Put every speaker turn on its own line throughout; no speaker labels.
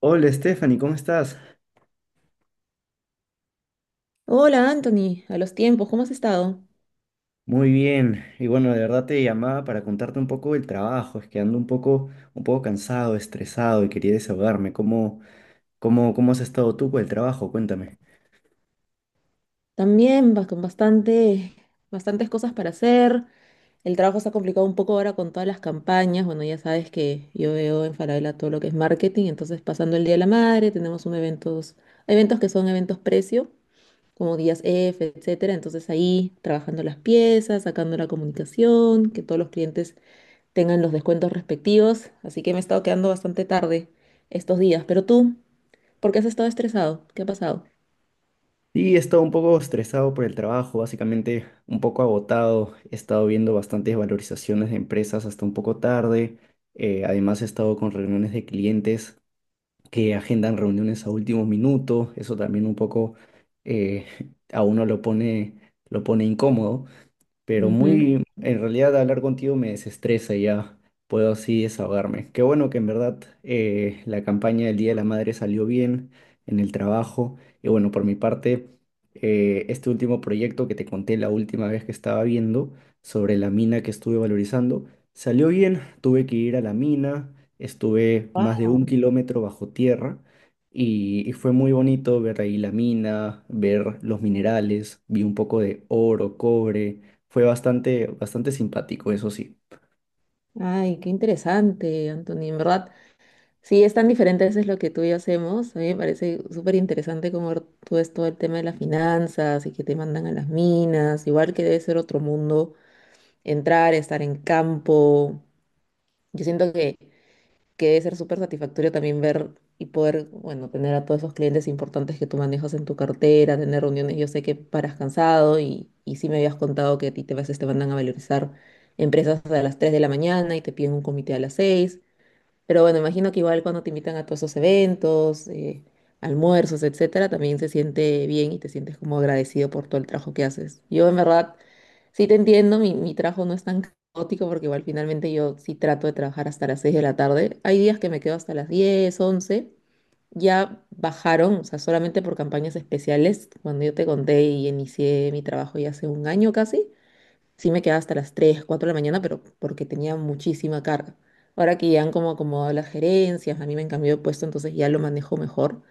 Hola Stephanie, ¿cómo estás?
Hola Anthony, a los tiempos, ¿cómo has estado?
Muy bien. Y bueno, de verdad te llamaba para contarte un poco del trabajo. Es que ando un poco cansado, estresado y quería desahogarme. ¿Cómo has estado tú por el trabajo? Cuéntame.
También va con bastantes cosas para hacer. El trabajo se ha complicado un poco ahora con todas las campañas. Bueno, ya sabes que yo veo en Falabella todo lo que es marketing, entonces pasando el Día de la Madre, tenemos eventos que son eventos precio, como días F, etcétera. Entonces ahí trabajando las piezas, sacando la comunicación, que todos los clientes tengan los descuentos respectivos. Así que me he estado quedando bastante tarde estos días. Pero tú, ¿por qué has estado estresado? ¿Qué ha pasado?
Sí, he estado un poco estresado por el trabajo, básicamente un poco agotado. He estado viendo bastantes valorizaciones de empresas hasta un poco tarde. Además he estado con reuniones de clientes que agendan reuniones a último minuto. Eso también un poco eh, a uno lo lo pone incómodo. Pero
Ujú.
muy, en realidad hablar contigo me desestresa y ya puedo así desahogarme. Qué bueno que en verdad la campaña del Día de la Madre salió bien en el trabajo. Y bueno, por mi parte, este último proyecto que te conté la última vez que estaba viendo sobre la mina que estuve valorizando, salió bien. Tuve que ir a la mina, estuve más
Ah.
de un kilómetro bajo tierra. Y fue muy bonito ver ahí la mina, ver los minerales, vi un poco de oro, cobre, fue bastante simpático, eso sí.
Ay, qué interesante, Anthony. En verdad, sí, es tan diferente a veces lo que tú y yo hacemos. A mí me parece súper interesante cómo tú ves todo el tema de las finanzas y que te mandan a las minas. Igual que debe ser otro mundo entrar, estar en campo. Yo siento que debe ser súper satisfactorio también ver y poder, bueno, tener a todos esos clientes importantes que tú manejas en tu cartera, tener reuniones. Yo sé que paras cansado y sí me habías contado que a ti te vas, te mandan a valorizar empresas a las 3 de la mañana y te piden un comité a las 6, pero bueno, imagino que igual cuando te invitan a todos esos eventos, almuerzos, etcétera, también se siente bien y te sientes como agradecido por todo el trabajo que haces. Yo en verdad sí te entiendo, mi trabajo no es tan caótico porque igual finalmente yo sí trato de trabajar hasta las 6 de la tarde. Hay días que me quedo hasta las 10, 11. Ya bajaron, o sea, solamente por campañas especiales. Cuando yo te conté y inicié mi trabajo ya hace un año casi, sí me quedaba hasta las 3, 4 de la mañana, pero porque tenía muchísima carga. Ahora que ya han como acomodado las gerencias, a mí me han cambiado de puesto, entonces ya lo manejo mejor.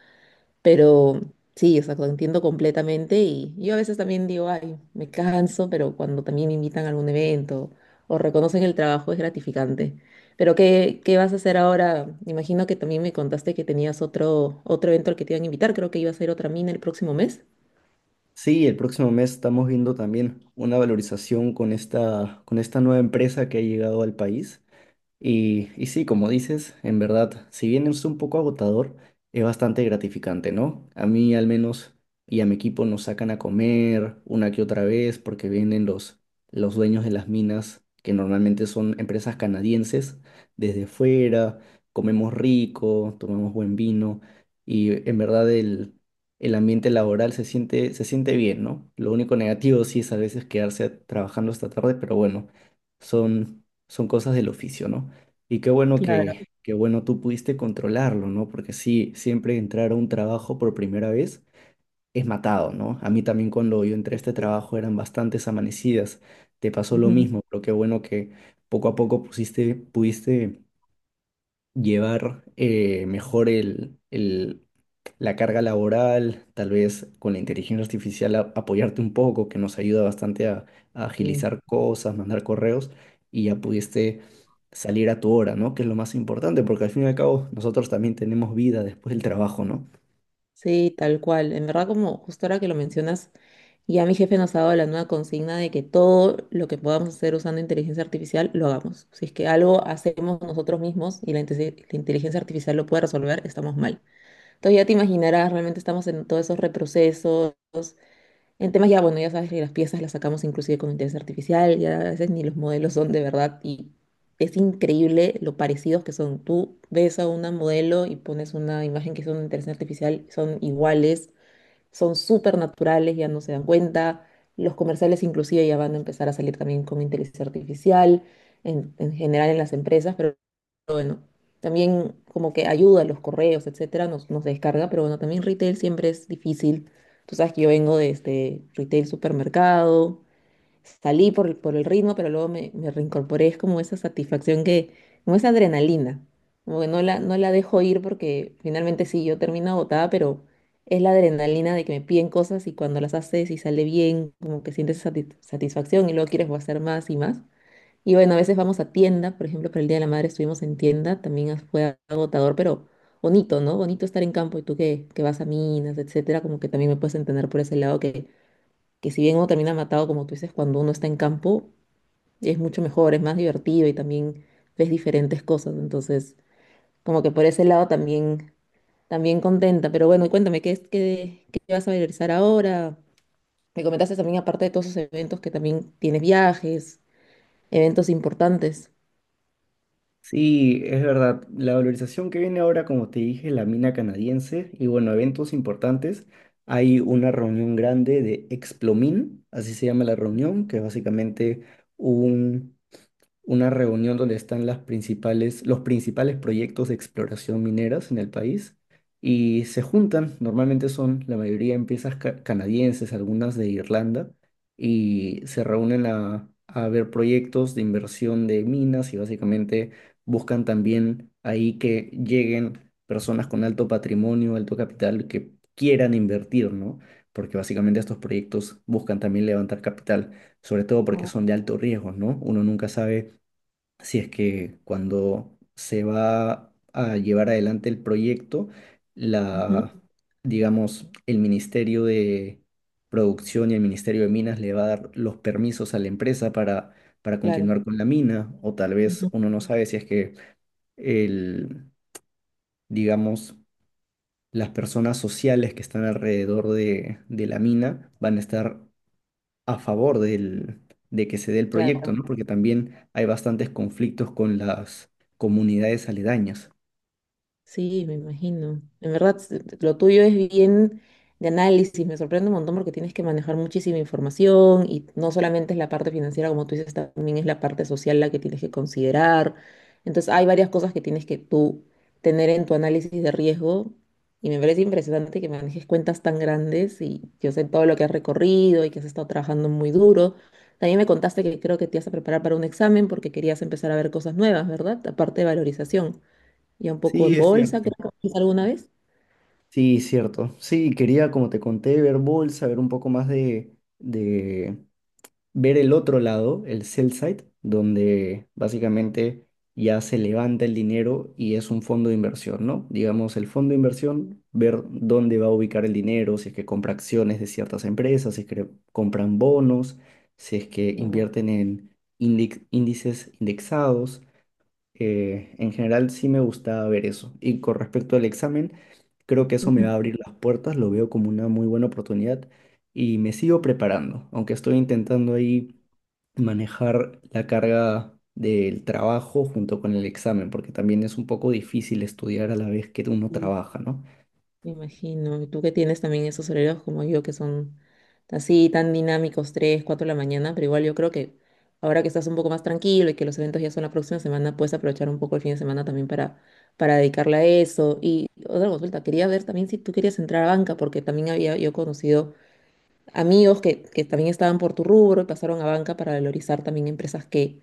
Pero sí, o sea, lo entiendo completamente y yo a veces también digo, ay, me canso, pero cuando también me invitan a algún evento o reconocen el trabajo es gratificante. Pero ¿qué vas a hacer ahora? Imagino que también me contaste que tenías otro evento al que te iban a invitar, creo que iba a ser otra mina el próximo mes.
Sí, el próximo mes estamos viendo también una valorización con esta nueva empresa que ha llegado al país. Y sí, como dices, en verdad, si bien es un poco agotador, es bastante gratificante, ¿no? A mí al menos y a mi equipo nos sacan a comer una que otra vez porque vienen los dueños de las minas, que normalmente son empresas canadienses, desde fuera, comemos rico, tomamos buen vino y en verdad el ambiente laboral se se siente bien, ¿no? Lo único negativo sí es a veces quedarse trabajando hasta tarde, pero bueno, son cosas del oficio, ¿no? Y
Claro.
qué bueno tú pudiste controlarlo, ¿no? Porque sí, siempre entrar a un trabajo por primera vez es matado, ¿no? A mí también cuando yo entré a este trabajo eran bastantes amanecidas. Te pasó lo
Ujú.
mismo, pero qué bueno que poco a poco pudiste llevar mejor la carga laboral, tal vez con la inteligencia artificial apoyarte un poco, que nos ayuda bastante a
Y
agilizar cosas, mandar correos y ya pudiste salir a tu hora, ¿no? Que es lo más importante, porque al fin y al cabo nosotros también tenemos vida después del trabajo, ¿no?
sí, tal cual. En verdad, como justo ahora que lo mencionas, ya mi jefe nos ha dado la nueva consigna de que todo lo que podamos hacer usando inteligencia artificial, lo hagamos. Si es que algo hacemos nosotros mismos y la inteligencia artificial lo puede resolver, estamos mal. Entonces ya te imaginarás, realmente estamos en todos esos reprocesos, el tema ya, bueno, ya sabes que las piezas las sacamos inclusive con inteligencia artificial, ya a veces ni los modelos son de verdad y es increíble lo parecidos que son. Tú ves a una modelo y pones una imagen que es una inteligencia artificial, son iguales, son súper naturales, ya no se dan cuenta. Los comerciales inclusive ya van a empezar a salir también con inteligencia artificial, en general en las empresas, pero también como que ayuda, los correos, etcétera, nos descarga, pero bueno, también retail siempre es difícil. Tú sabes que yo vengo de este retail supermercado, salí por por el ritmo, pero luego me reincorporé, es como esa satisfacción que, como esa adrenalina, como que no la dejo ir porque finalmente sí, yo termino agotada, pero es la adrenalina de que me piden cosas y cuando las haces y sale bien, como que sientes satisfacción y luego quieres hacer más y más. Y bueno, a veces vamos a tienda, por ejemplo, para el Día de la Madre estuvimos en tienda, también fue agotador, pero bonito, ¿no? Bonito estar en campo y tú que vas a minas, etcétera, como que también me puedes entender por ese lado que si bien uno termina matado, como tú dices, cuando uno está en campo es mucho mejor, es más divertido y también ves diferentes cosas, entonces como que por ese lado también, también contenta, pero bueno, cuéntame, ¿qué vas a realizar ahora? Me comentaste también, aparte de todos esos eventos, que también tienes viajes, eventos importantes.
Sí, es verdad. La valorización que viene ahora, como te dije, la mina canadiense y bueno, eventos importantes. Hay una reunión grande de Explomin, así se llama la reunión, que es básicamente una reunión donde están los principales proyectos de exploración mineras en el país y se juntan, normalmente son la mayoría empresas canadienses, algunas de Irlanda, y se reúnen a ver proyectos de inversión de minas y básicamente buscan también ahí que lleguen personas con alto patrimonio, alto capital que quieran invertir, ¿no? Porque básicamente estos proyectos buscan también levantar capital, sobre todo porque
Wao.
son de alto riesgo, ¿no? Uno nunca sabe si es que cuando se va a llevar adelante el proyecto, la, digamos, el Ministerio de Producción y el Ministerio de Minas le va a dar los permisos a la empresa para
Claro,
continuar con la mina, o tal vez
ujú,
uno no sabe si es que el, digamos, las personas sociales que están alrededor de la mina van a estar a favor de que se dé el proyecto, ¿no?
claro.
Porque también hay bastantes conflictos con las comunidades aledañas.
Sí, me imagino. En verdad, lo tuyo es bien de análisis. Me sorprende un montón porque tienes que manejar muchísima información y no solamente es la parte financiera, como tú dices, también es la parte social la que tienes que considerar. Entonces, hay varias cosas que tienes que tú tener en tu análisis de riesgo y me parece impresionante que manejes cuentas tan grandes y yo sé todo lo que has recorrido y que has estado trabajando muy duro. También me contaste que creo que te ibas a preparar para un examen porque querías empezar a ver cosas nuevas, ¿verdad? Aparte de valorización ya un poco
Sí,
en
es
bolsa, creo
cierto.
que hiciste alguna vez.
Sí, cierto. Sí, quería, como te conté, ver bolsa, ver un poco más de ver el otro lado, el sell side, donde básicamente ya se levanta el dinero y es un fondo de inversión, ¿no? Digamos, el fondo de inversión, ver dónde va a ubicar el dinero, si es que compra acciones de ciertas empresas, si es que compran bonos, si es que
Wow.
invierten en índices indexados. En general sí me gustaba ver eso. Y con respecto al examen, creo que eso me va
Ujú.
a abrir las puertas, lo veo como una muy buena oportunidad y me sigo preparando, aunque estoy intentando ahí manejar la carga del trabajo junto con el examen, porque también es un poco difícil estudiar a la vez que uno
Sí,
trabaja, ¿no?
me imagino. Y tú que tienes también esos horarios como yo, que son así tan dinámicos, 3, 4 de la mañana, pero igual yo creo que ahora que estás un poco más tranquilo y que los eventos ya son la próxima semana, puedes aprovechar un poco el fin de semana también para dedicarle a eso. Y otra consulta, quería ver también si tú querías entrar a banca, porque también había yo conocido amigos que también estaban por tu rubro y pasaron a banca para valorizar también empresas que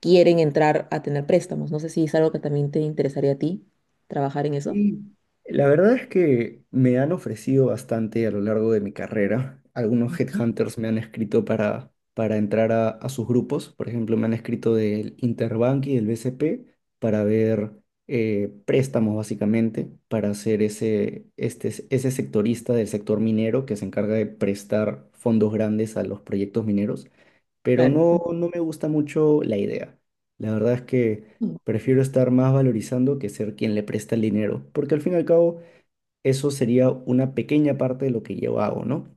quieren entrar a tener préstamos. No sé si es algo que también te interesaría a ti, trabajar en eso.
Y la verdad es que me han ofrecido bastante a lo largo de mi carrera. Algunos headhunters me han escrito para entrar a sus grupos. Por ejemplo, me han escrito del Interbank y del BCP para ver préstamos, básicamente, para ser ese sectorista del sector minero que se encarga de prestar fondos grandes a los proyectos mineros pero
Claro.
no, no me gusta mucho la idea. La verdad es que
Mm,
prefiero estar más valorizando que ser quien le presta el dinero, porque al fin y al cabo eso sería una pequeña parte de lo que yo hago, ¿no?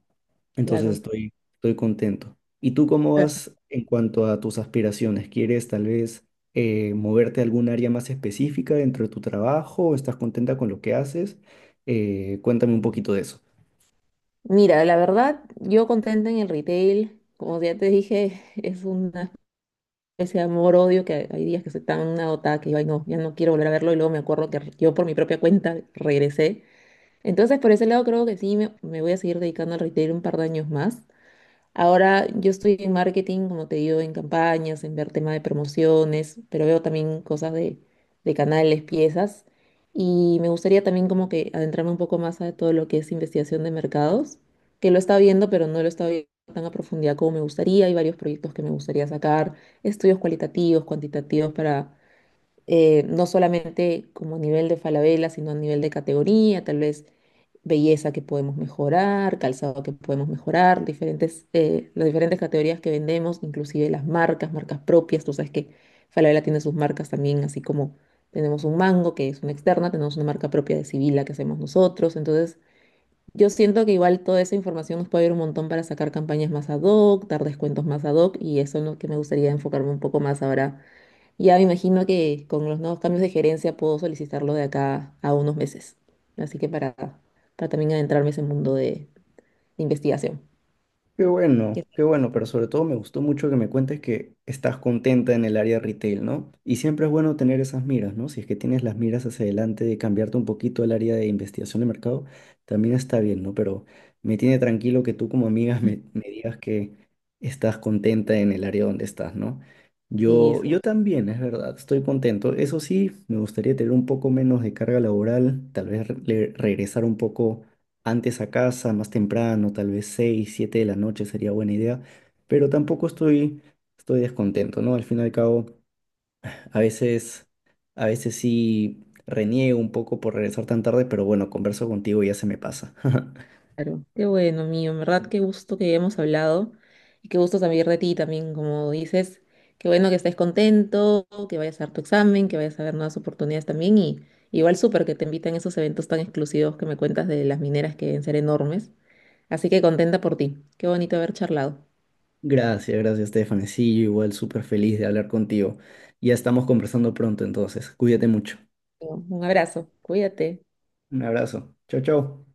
Entonces
claro.
estoy contento. ¿Y tú cómo
Ah.
vas en cuanto a tus aspiraciones? ¿Quieres tal vez moverte a algún área más específica dentro de tu trabajo? ¿Estás contenta con lo que haces? Cuéntame un poquito de eso.
Mira, la verdad, yo contenta en el retail, como ya te dije, es una especie de amor-odio que hay días que soy tan agotada que yo, ay, no, ya no quiero volver a verlo y luego me acuerdo que yo por mi propia cuenta regresé. Entonces, por ese lado creo que sí, me voy a seguir dedicando al retail un par de años más. Ahora yo estoy en marketing, como te digo, en campañas, en ver tema de promociones, pero veo también cosas de canales, piezas. Y me gustaría también como que adentrarme un poco más a todo lo que es investigación de mercados, que lo he estado viendo, pero no lo he estado viendo tan a profundidad como me gustaría. Hay varios proyectos que me gustaría sacar, estudios cualitativos, cuantitativos para no solamente como a nivel de Falabella, sino a nivel de categoría, tal vez belleza que podemos mejorar, calzado que podemos mejorar, diferentes, las diferentes categorías que vendemos, inclusive las marcas, marcas propias. Tú sabes que Falabella tiene sus marcas también, así como tenemos un Mango, que es una externa, tenemos una marca propia de Sibila que hacemos nosotros. Entonces, yo siento que igual toda esa información nos puede ayudar un montón para sacar campañas más ad hoc, dar descuentos más ad hoc, y eso es lo que me gustaría enfocarme un poco más ahora. Ya me imagino que con los nuevos cambios de gerencia puedo solicitarlo de acá a unos meses. Así que para también adentrarme en ese mundo de investigación. Qué.
Qué bueno, pero sobre todo me gustó mucho que me cuentes que estás contenta en el área retail, ¿no? Y siempre es bueno tener esas miras, ¿no? Si es que tienes las miras hacia adelante de cambiarte un poquito al área de investigación de mercado, también está bien, ¿no? Pero me tiene tranquilo que tú como amiga me digas que estás contenta en el área donde estás, ¿no? Yo
Eso,
también, es verdad, estoy contento. Eso sí, me gustaría tener un poco menos de carga laboral, tal vez regresar un poco antes a casa, más temprano, tal vez 6, 7 de la noche sería buena idea, pero tampoco estoy descontento, ¿no? Al fin y al cabo, a veces, a veces sí reniego un poco por regresar tan tarde, pero bueno, converso contigo y ya se me pasa.
claro. Qué bueno, mío. En verdad, qué gusto que hemos hablado y qué gusto saber de ti también, como dices. Qué bueno que estés contento, que vayas a dar tu examen, que vayas a ver nuevas oportunidades también. Y igual súper que te invitan a esos eventos tan exclusivos que me cuentas de las mineras que deben ser enormes. Así que contenta por ti. Qué bonito haber charlado.
Gracias, gracias, Stephanie. Sí, yo igual súper feliz de hablar contigo. Ya estamos conversando pronto, entonces, cuídate mucho.
Un abrazo. Cuídate.
Un abrazo. Chao, chao.